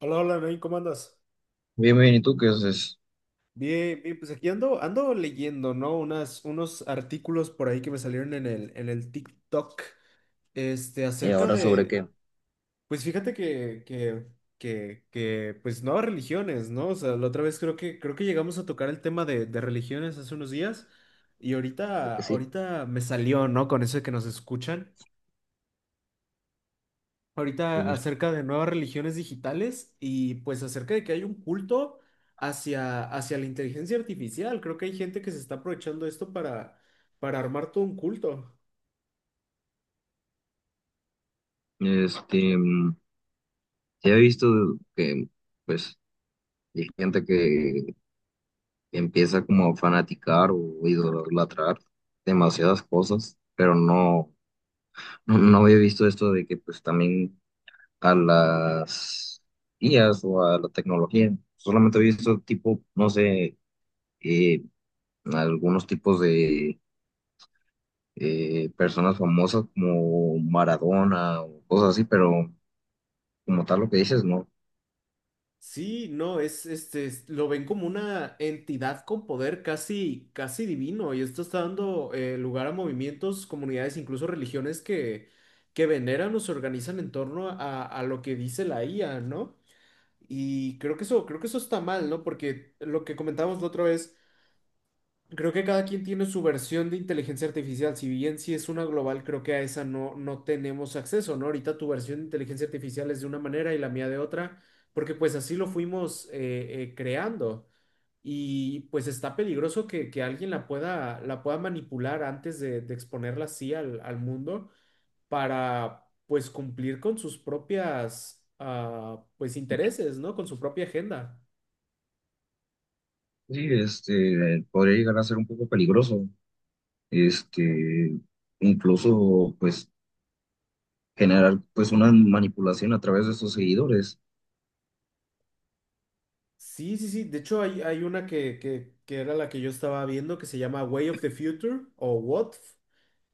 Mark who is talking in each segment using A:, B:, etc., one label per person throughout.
A: Hola, hola, Nain, ¿cómo andas?
B: Bien, bien, ¿y tú qué haces?
A: Bien, bien, pues aquí ando, ando leyendo, ¿no? Unos artículos por ahí que me salieron en el TikTok, este,
B: ¿Y
A: acerca
B: ahora sobre
A: de,
B: qué?
A: pues fíjate que pues nuevas religiones, ¿no? O sea, la otra vez creo que llegamos a tocar el tema de religiones hace unos días. Y
B: Creo que sí.
A: ahorita me salió, ¿no? Con eso de que nos escuchan. Ahorita
B: Sí.
A: acerca de nuevas religiones digitales y pues acerca de que hay un culto hacia la inteligencia artificial. Creo que hay gente que se está aprovechando esto para armar todo un culto.
B: Este, mm, sí he visto que, pues, hay gente que empieza como a fanaticar o idolatrar demasiadas cosas, pero no había visto esto de que, pues, también a las IAs o a la tecnología, solamente he visto tipo, no sé, eh, algunos tipos de personas famosas como Maradona o cosas así, pero como tal lo que dices, no.
A: Sí, no, es este, es- lo ven como una entidad con poder casi divino y esto está dando lugar a movimientos, comunidades, incluso religiones que veneran o se organizan en torno a lo que dice la IA, ¿no? Y creo que eso está mal, ¿no? Porque lo que comentábamos la otra vez. Creo que cada quien tiene su versión de inteligencia artificial. Si bien si es una global, creo que a esa no tenemos acceso, ¿no? Ahorita tu versión de inteligencia artificial es de una manera y la mía de otra, porque pues así lo fuimos creando. Y pues está peligroso que alguien la pueda manipular antes de exponerla así al mundo para pues cumplir con sus propias pues intereses, ¿no? Con su propia agenda.
B: Sí, este, podría llegar a ser un poco peligroso, este, incluso, pues, generar, pues, una manipulación a través de sus seguidores.
A: Sí, sí, sí. De hecho, hay una que era la que yo estaba viendo que se llama Way of the Future o WOTF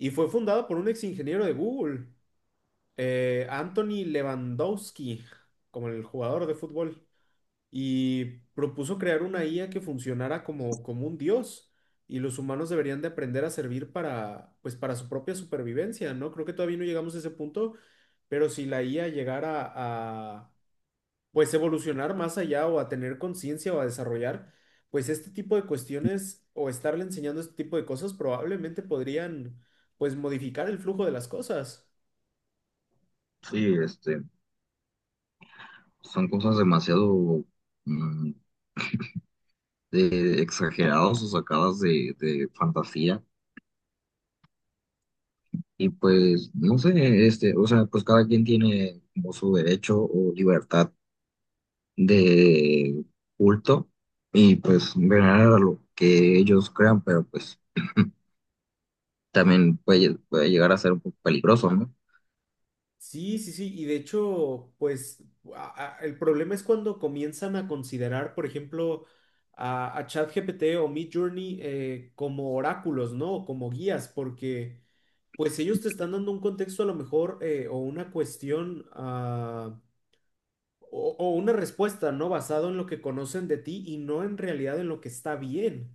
A: y fue fundada por un ex ingeniero de Google, Anthony Lewandowski, como el jugador de fútbol, y propuso crear una IA que funcionara como, como un dios y los humanos deberían de aprender a servir para, pues, para su propia supervivencia, ¿no? Creo que todavía no llegamos a ese punto, pero si la IA llegara a pues evolucionar más allá o a tener conciencia o a desarrollar, pues este tipo de cuestiones o estarle enseñando este tipo de cosas probablemente podrían pues modificar el flujo de las cosas.
B: Sí, este, son cosas demasiado mm, exageradas o sacadas de fantasía. Y pues, no sé, este, o sea, pues cada quien tiene como su derecho o libertad de culto y pues venerar a lo que ellos crean, pero pues también puede llegar a ser un poco peligroso, ¿no?
A: Sí, sí, sí, y de hecho, pues a- el problema es cuando comienzan a considerar, por ejemplo, a ChatGPT o Midjourney como oráculos, ¿no? O como guías, porque pues ellos te están dando un contexto a lo mejor o una cuestión o una respuesta, ¿no? Basado en lo que conocen de ti y no en realidad en lo que está bien.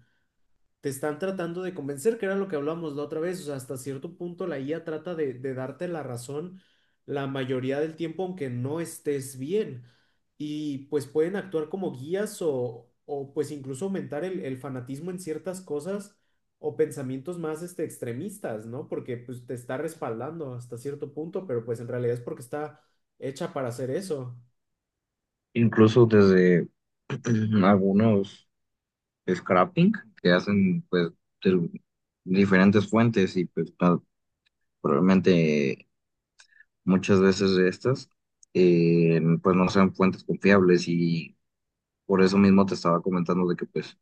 A: Te están tratando de convencer, que era lo que hablamos la otra vez. O sea, hasta cierto punto la IA trata de darte la razón la mayoría del tiempo, aunque no estés bien. Y pues pueden actuar como guías o pues incluso aumentar el fanatismo en ciertas cosas o pensamientos más este, extremistas, ¿no? Porque pues te está respaldando hasta cierto punto, pero pues en realidad es porque está hecha para hacer eso.
B: Incluso desde algunos scrapping que hacen pues de diferentes fuentes y pues probablemente muchas veces de estas pues no sean fuentes confiables y por eso mismo te estaba comentando de que pues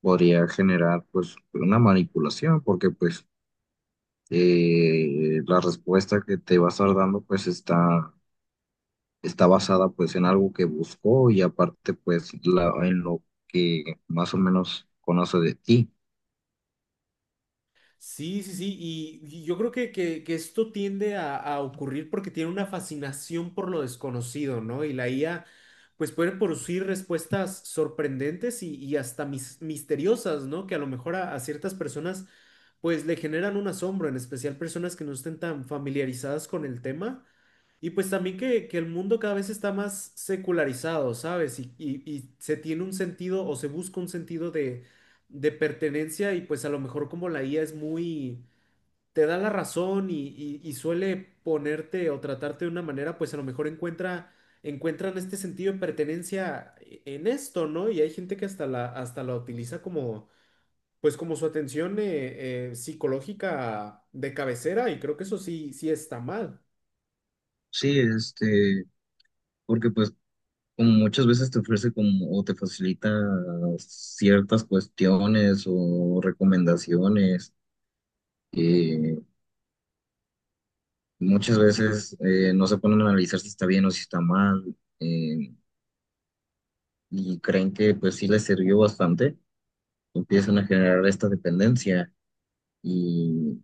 B: podría generar pues una manipulación porque pues la respuesta que te va a estar dando pues está basada pues en algo que buscó y aparte pues en lo que más o menos conoce de ti.
A: Sí, sí, sí, y yo creo que esto tiende a ocurrir porque tiene una fascinación por lo desconocido, ¿no? Y la IA, pues puede producir respuestas sorprendentes y hasta mis- misteriosas, ¿no? Que a lo mejor a ciertas personas, pues le generan un asombro, en especial personas que no estén tan familiarizadas con el tema. Y pues también que el mundo cada vez está más secularizado, ¿sabes? Y se tiene un sentido o se busca un sentido de pertenencia y pues a lo mejor como la IA es muy, te da la razón y suele ponerte o tratarte de una manera, pues a lo mejor encuentran este sentido de pertenencia e- en esto, ¿no? Y hay gente que hasta la utiliza como, pues como su atención psicológica de cabecera y creo que eso sí, sí está mal.
B: Sí, este, porque pues como muchas veces te ofrece como o te facilita ciertas cuestiones o recomendaciones, eh, muchas veces no se ponen a analizar si está bien o si está mal, y creen que pues sí les sirvió bastante, empiezan a generar esta dependencia. Y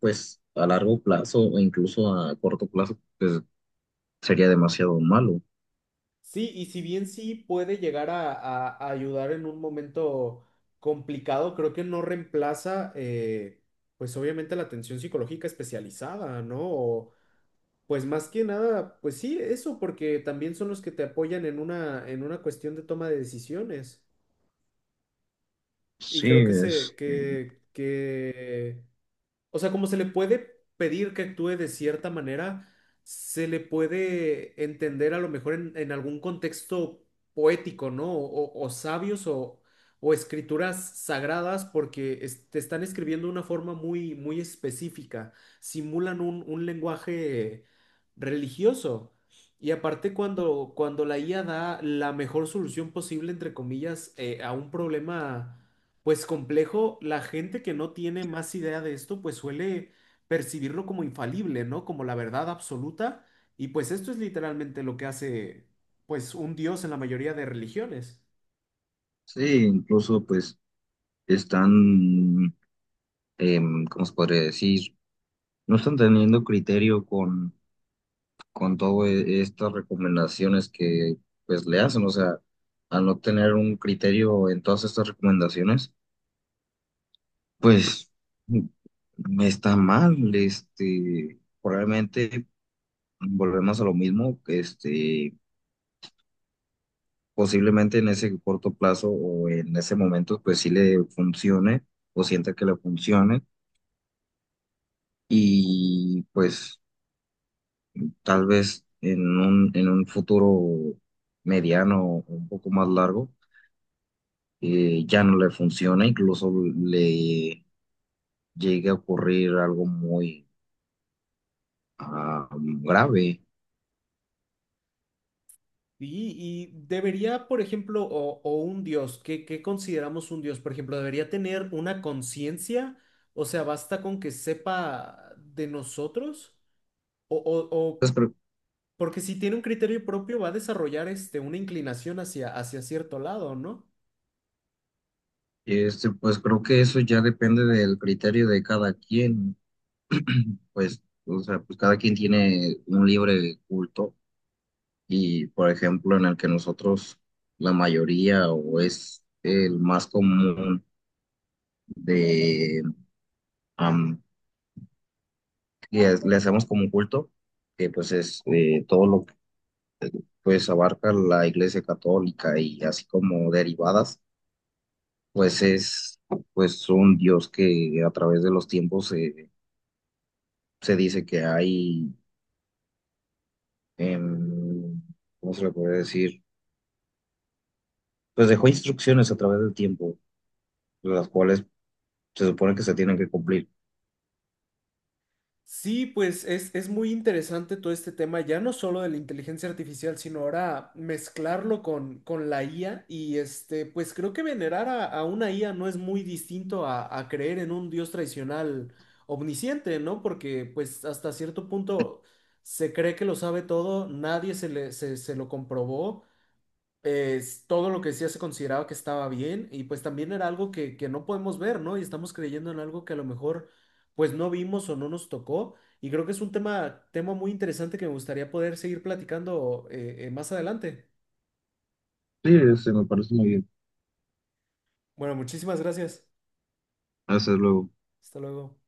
B: pues a largo plazo o incluso a corto plazo pues sería demasiado malo.
A: Sí, y si bien sí puede llegar a ayudar en un momento complicado, creo que no reemplaza, pues obviamente la atención psicológica especializada, ¿no? O, pues más que nada, pues sí, eso, porque también son los que te apoyan en una cuestión de toma de decisiones. Y creo
B: Sí,
A: que
B: este,
A: que o sea, como se le puede pedir que actúe de cierta manera, se le puede entender a lo mejor en algún contexto poético, ¿no? O sabios o escrituras sagradas, porque es- te están escribiendo de una forma muy, muy específica, simulan un lenguaje religioso. Y aparte cuando la IA da la mejor solución posible, entre comillas, a un problema pues complejo, la gente que no tiene más idea de esto, pues suele percibirlo como infalible, ¿no? Como la verdad absoluta. Y pues esto es literalmente lo que hace, pues, un dios en la mayoría de religiones.
B: sí, incluso pues están, ¿cómo se podría decir? No están teniendo criterio con todas estas recomendaciones que pues le hacen, o sea, al no tener un criterio en todas estas recomendaciones, pues está mal, este, probablemente volvemos a lo mismo, este, posiblemente en ese corto plazo o en ese momento, pues sí le funcione o sienta que le funcione y pues tal vez en en un futuro mediano o un poco más largo ya no le funciona, incluso le llegue a ocurrir algo muy ah, grave.
A: Y, y debería, por ejemplo, o un dios, ¿qué, qué consideramos un dios? Por ejemplo, ¿debería tener una conciencia? O sea, ¿basta con que sepa de nosotros? O
B: Pues, pero,
A: porque si tiene un criterio propio, va a desarrollar este, una inclinación hacia, hacia cierto lado, ¿no?
B: este, pues creo que eso ya depende del criterio de cada quien. Pues, o sea, pues cada quien tiene un libre culto y, por ejemplo, en el que nosotros, la mayoría o es el más común de am, le hacemos como un culto, que pues es todo lo que pues abarca la Iglesia Católica y así como derivadas, pues es pues un Dios que a través de los tiempos se dice que hay, em, ¿cómo se le puede decir? Pues dejó instrucciones a través del tiempo las cuales se supone que se tienen que cumplir.
A: Sí, pues es muy interesante todo este tema, ya no solo de la inteligencia artificial, sino ahora mezclarlo con la IA y este, pues creo que venerar a una IA no es muy distinto a creer en un dios tradicional omnisciente, ¿no? Porque pues hasta cierto punto se cree que lo sabe todo, nadie se le, se lo comprobó, es todo lo que decía se consideraba que estaba bien y pues también era algo que no podemos ver, ¿no? Y estamos creyendo en algo que a lo mejor pues no vimos o no nos tocó y creo que es un tema muy interesante que me gustaría poder seguir platicando más adelante.
B: Sí, sí, me parece muy bien.
A: Bueno, muchísimas gracias.
B: Hasta luego.
A: Hasta luego.